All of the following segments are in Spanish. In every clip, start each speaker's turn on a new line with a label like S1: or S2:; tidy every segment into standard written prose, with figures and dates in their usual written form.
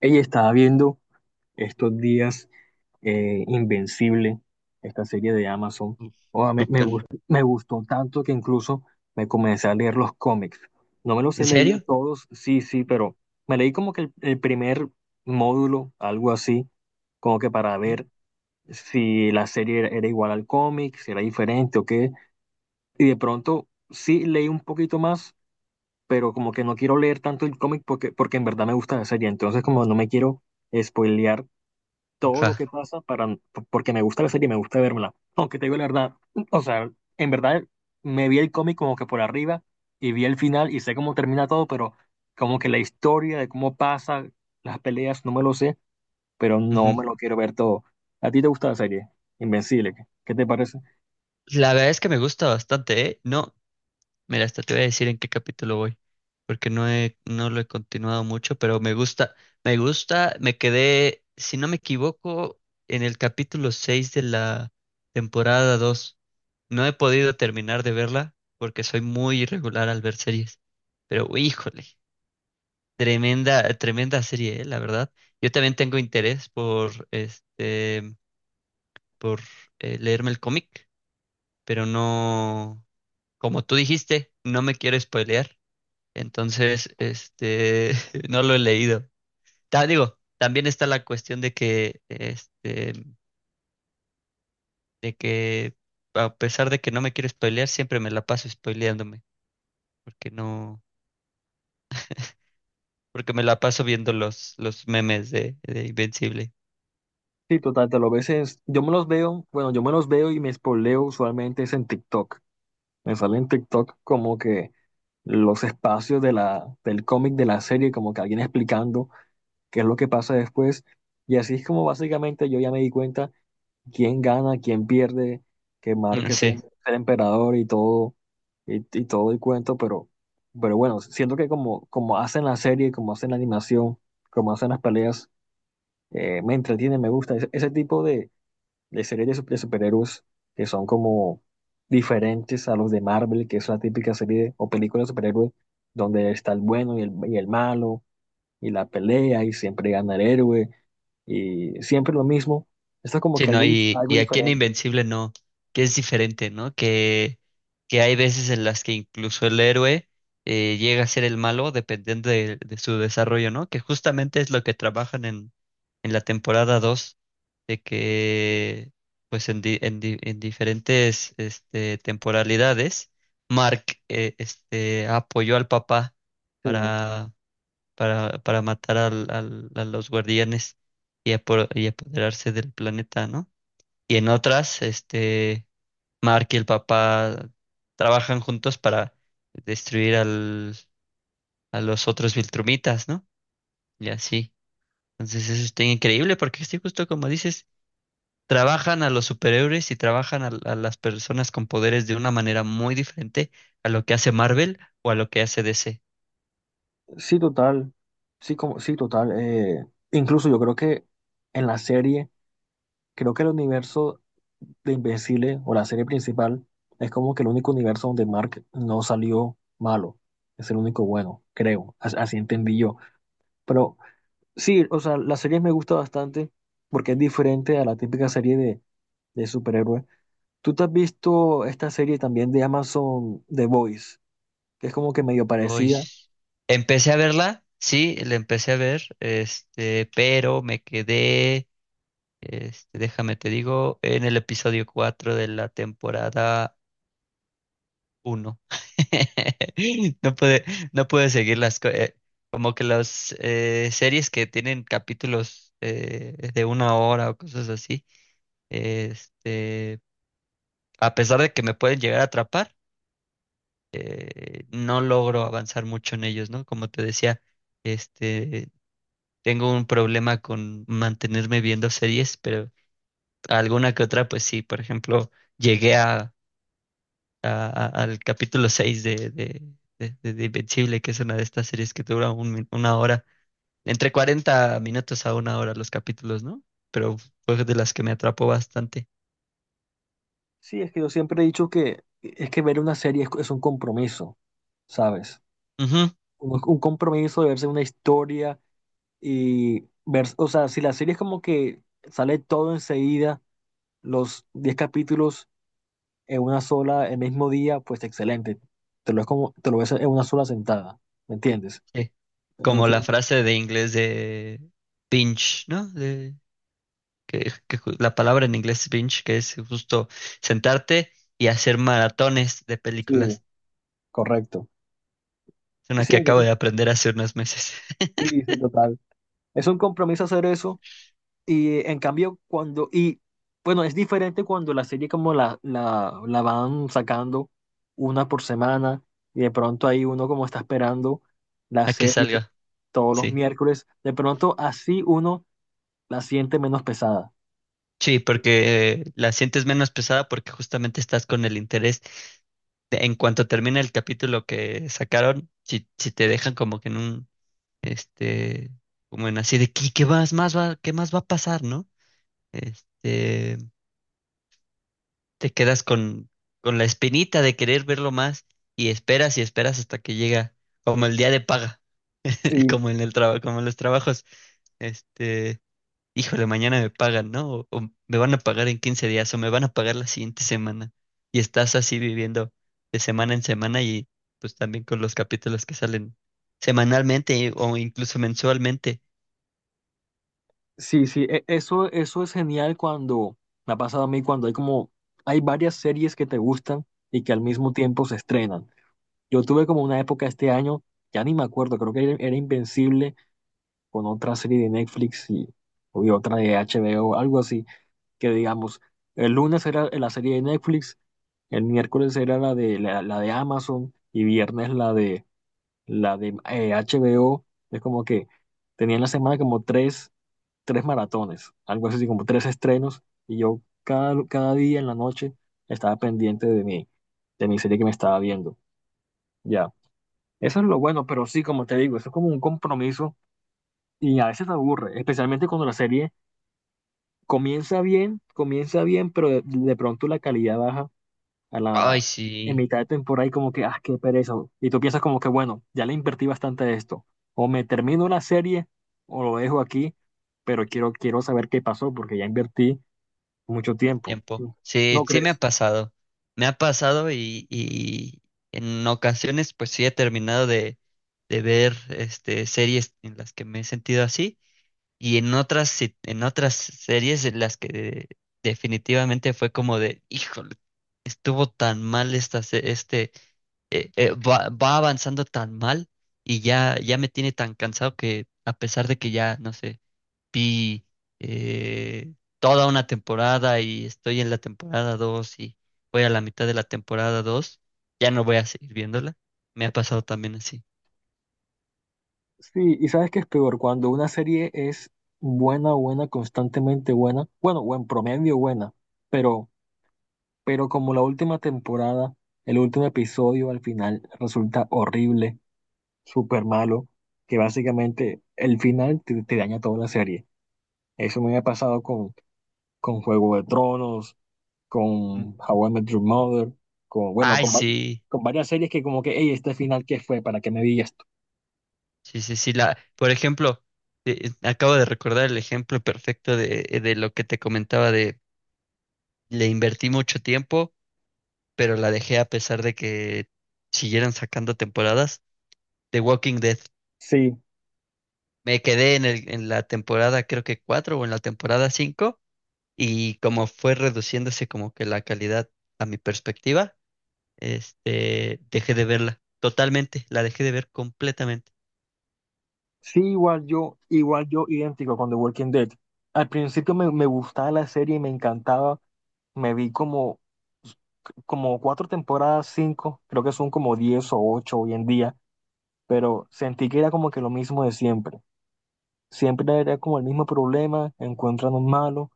S1: Ella estaba viendo estos días Invencible, esta serie de Amazon.
S2: Uf.
S1: Oh,
S2: Súper.
S1: me gustó tanto que incluso me comencé a leer los cómics. No me los
S2: ¿En
S1: he leído
S2: serio?
S1: todos, sí, sí, pero me leí como que el primer módulo, algo así, como que para
S2: Ujú.
S1: ver si la serie era, era igual al cómic, si era diferente o qué. Y de pronto sí leí un poquito más, pero como que no quiero leer tanto el cómic porque en verdad me gusta la serie. Entonces como no me quiero spoilear todo lo
S2: Ajá.
S1: que pasa para, porque me gusta la serie y me gusta verla. Aunque te digo la verdad, o sea, en verdad me vi el cómic como que por arriba y vi el final y sé cómo termina todo, pero como que la historia de cómo pasa, las peleas, no me lo sé, pero no
S2: Ujú.
S1: me lo quiero ver todo. ¿A ti te gusta la serie? Invencible, ¿qué te parece?
S2: La verdad es que me gusta bastante, ¿eh? No, mira, hasta te voy a decir en qué capítulo voy, porque no lo he continuado mucho, pero me gusta, me gusta, me quedé, si no me equivoco, en el capítulo 6 de la temporada dos. No he podido terminar de verla porque soy muy irregular al ver series, pero híjole, tremenda, tremenda serie, ¿eh? La verdad. Yo también tengo interés por este, por leerme el cómic, pero no, como tú dijiste, no me quiero spoilear. Entonces, este, no lo he leído. Digo, también está la cuestión de que, este, de que a pesar de que no me quiero spoilear, siempre me la paso spoileándome, porque no, porque me la paso viendo los memes de Invencible.
S1: Sí, total, te lo ves, yo me los veo, bueno, yo me los veo y me espoleo usualmente es en TikTok. Me sale en TikTok como que los espacios de del cómic de la serie, como que alguien explicando qué es lo que pasa después. Y así es como básicamente yo ya me di cuenta quién gana, quién pierde, que Mark
S2: Mm.
S1: es el,
S2: Sí.
S1: el emperador y todo, y todo el cuento, pero bueno, siento que como, como hacen la serie, como hacen la animación, como hacen las peleas, me entretiene, me gusta. Ese tipo de series de, de superhéroes que son como diferentes a los de Marvel, que es la típica serie o película de superhéroes donde está el bueno y y el malo y la pelea y siempre gana el héroe y siempre lo mismo. Esto como
S2: Sí,
S1: que
S2: ¿no?
S1: algo, algo
S2: Y aquí en
S1: diferente.
S2: Invencible no, que es diferente, ¿no? Que hay veces en las que incluso el héroe llega a ser el malo dependiendo de su desarrollo, ¿no? Que justamente es lo que trabajan en la temporada dos, de que pues en, en, en diferentes este, temporalidades, Mark este, apoyó al papá
S1: Sí,
S2: para, para matar al, a los guardianes y, y apoderarse del planeta, ¿no? Y en otras, este, Mark y el papá trabajan juntos para destruir al, a los otros Viltrumitas, ¿no? Y así. Entonces eso está increíble porque sí, justo como dices, trabajan a los superhéroes y trabajan a las personas con poderes de una manera muy diferente a lo que hace Marvel o a lo que hace DC.
S1: sí, total. Sí, como, sí, total. Incluso yo creo que en la serie, creo que el universo de Invencible o la serie principal es como que el único universo donde Mark no salió malo. Es el único bueno, creo. Así entendí yo. Pero sí, o sea, la serie me gusta bastante porque es diferente a la típica serie de superhéroes. ¿Tú te has visto esta serie también de Amazon, The Voice, que es como que medio
S2: Uy,
S1: parecida?
S2: empecé a verla, sí, la empecé a ver, este, pero me quedé. Este, déjame te digo, en el episodio 4 de la temporada uno. No puede, no puede seguir las como que las series que tienen capítulos de una hora o cosas así. Este, a pesar de que me pueden llegar a atrapar, no logro avanzar mucho en ellos, ¿no? Como te decía, este, tengo un problema con mantenerme viendo series, alguna que otra, pues sí. Por ejemplo, llegué a, al capítulo 6 de, de Invencible, que es una de estas series que dura una hora, entre 40 minutos a una hora los capítulos, ¿no? Pero fue de las que me atrapó bastante.
S1: Sí, es que yo siempre he dicho que es que ver una serie es un compromiso, ¿sabes?
S2: Ujú,
S1: Un compromiso de verse una historia y ver, o sea, si la serie es como que sale todo enseguida, los 10 capítulos en una sola, el mismo día, pues excelente. Es como, te lo ves en una sola sentada, ¿me entiendes?
S2: sí.
S1: En un
S2: Como
S1: fin
S2: la
S1: de-
S2: frase de inglés de binge, ¿no? De, que, la palabra en inglés es binge, que es justo sentarte y hacer maratones de
S1: sí,
S2: películas.
S1: correcto.
S2: Es una
S1: Sí,
S2: que acabo
S1: entonces,
S2: de aprender hace unos meses.
S1: sí, sí, total. Es un compromiso hacer eso. Y en cambio, cuando, y bueno, es diferente cuando la serie como la van sacando una por semana y de pronto ahí uno como está esperando la
S2: A que
S1: serie
S2: salga.
S1: todos los
S2: Sí.
S1: miércoles, de pronto así uno la siente menos pesada.
S2: Sí, porque la sientes menos pesada porque justamente estás con el interés. En cuanto termina el capítulo que sacaron, si, si te dejan como que en un, este, como en así de, ¿qué, qué más, qué más va a pasar?, ¿no? Este, te quedas con la espinita de querer verlo más y esperas hasta que llega, como el día de paga,
S1: Sí.
S2: como en el trabajo, como en los trabajos. Este, híjole, mañana me pagan, ¿no? O me van a pagar en 15 días o me van a pagar la siguiente semana. Y estás así viviendo de semana en semana y pues también con los capítulos que salen semanalmente o incluso mensualmente.
S1: Sí, sí, eso, eso es genial cuando me ha pasado a mí, cuando hay como, hay varias series que te gustan y que al mismo tiempo se estrenan. Yo tuve como una época este año, ya ni me acuerdo, creo que era Invencible con otra serie de Netflix y otra de HBO, algo así, que digamos, el lunes era la serie de Netflix, el miércoles era la de, la de Amazon y viernes la de HBO. Es como que tenía en la semana como tres, tres maratones, algo así como tres estrenos y yo cada, cada día en la noche estaba pendiente de mi serie que me estaba viendo. Ya. Eso es lo bueno, pero sí, como te digo, eso es como un compromiso y a veces te aburre, especialmente cuando la serie comienza bien, pero de pronto la calidad baja a
S2: Ay,
S1: la, en
S2: sí,
S1: mitad de temporada y como que, ah, qué pereza. Y tú piensas como que, bueno, ya le invertí bastante de esto. O me termino la serie o lo dejo aquí, pero quiero saber qué pasó porque ya invertí mucho
S2: el
S1: tiempo.
S2: tiempo. Sí,
S1: ¿No
S2: sí me ha
S1: crees?
S2: pasado. Me ha pasado y en ocasiones pues sí he terminado de ver este, series en las que me he sentido así. Y en otras, en otras series en las que definitivamente fue como de, híjole, estuvo tan mal esta, este, va, va avanzando tan mal y ya, ya me tiene tan cansado que a pesar de que ya, no sé, vi eh, toda una temporada y estoy en la temporada 2 y voy a la mitad de la temporada dos, ya no voy a seguir viéndola. Me ha pasado también así.
S1: Sí, y sabes que es peor cuando una serie es buena, buena, constantemente buena, bueno, buen promedio buena, pero, pero como la última temporada, el último episodio al final resulta horrible, súper malo, que básicamente el final te daña toda la serie. Eso me ha pasado con Juego de Tronos,
S2: Mm.
S1: con How I Met Your Mother, con, bueno,
S2: Ay, sí,
S1: con varias series que como que, hey, este final, ¿qué fue? ¿Para qué me vi esto?
S2: sí, sí, sí, la, por ejemplo. Acabo de recordar el ejemplo perfecto de lo que te comentaba de le invertí mucho tiempo, pero la dejé a pesar de que siguieran sacando temporadas. The Walking Dead.
S1: Sí,
S2: Me quedé en el, en la temporada, creo que cuatro o en la temporada cinco, y como fue reduciéndose como que la calidad a mi perspectiva, este, dejé de verla totalmente, la dejé de ver completamente.
S1: sí, igual yo, idéntico con The Walking Dead. Al principio me gustaba la serie y me encantaba. Me vi como, como cuatro temporadas, cinco, creo que son como diez o ocho hoy en día, pero sentí que era como que lo mismo de siempre. Siempre era como el mismo problema, encuentran un malo,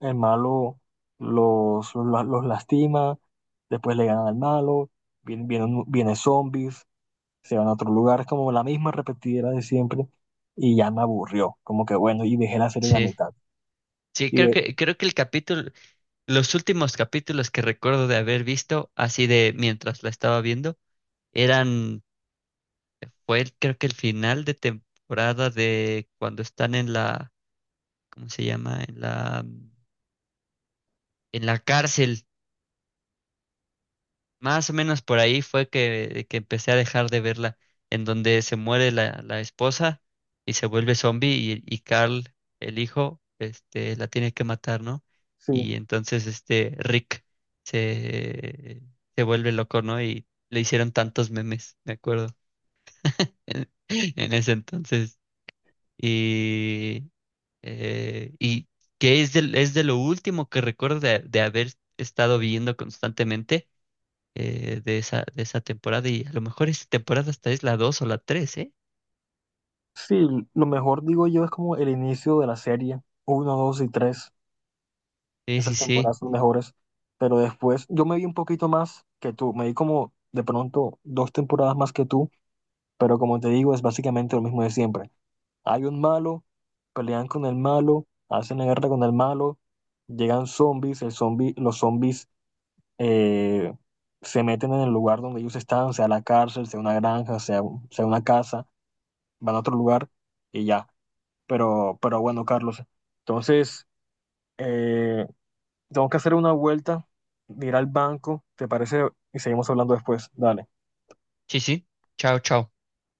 S1: el malo los lastima, después le ganan al malo, vienen zombies, se van a otro lugar, es como la misma repetidera de siempre, y ya me aburrió, como que bueno, y dejé la serie en la
S2: Sí,
S1: mitad.
S2: sí,
S1: Y de,
S2: creo que el capítulo, los últimos capítulos que recuerdo de haber visto, así de mientras la estaba viendo, eran, creo que el final de temporada de cuando están en la, ¿cómo se llama? En la cárcel. Más o menos por ahí fue que empecé a dejar de verla, en donde se muere la, la esposa y se vuelve zombie y Carl, el hijo, este, la tiene que matar, ¿no?
S1: sí,
S2: Y entonces este Rick se, se vuelve loco, ¿no? Y le hicieron tantos memes, me acuerdo, en, en ese entonces. Y, y que es de lo último que recuerdo de haber estado viendo constantemente de esa temporada. Y a lo mejor esta temporada hasta es la 2 o la tres, ¿eh?
S1: sí, lo mejor digo yo es como el inicio de la serie, uno, dos y tres,
S2: Sí,
S1: esas
S2: sí, sí.
S1: temporadas son mejores, pero después yo me vi un poquito más que tú, me vi como de pronto dos temporadas más que tú. Pero como te digo, es básicamente lo mismo de siempre. Hay un malo, pelean con el malo, hacen la guerra con el malo, llegan zombies, el zombi, los zombies eh, se meten en el lugar donde ellos están, sea la cárcel, sea una granja, sea una casa, van a otro lugar y ya. Pero bueno, Carlos, entonces eh, tengo que hacer una vuelta, ir al banco, ¿te parece? Y seguimos hablando después. Dale.
S2: Sí, sí. Chao, chao.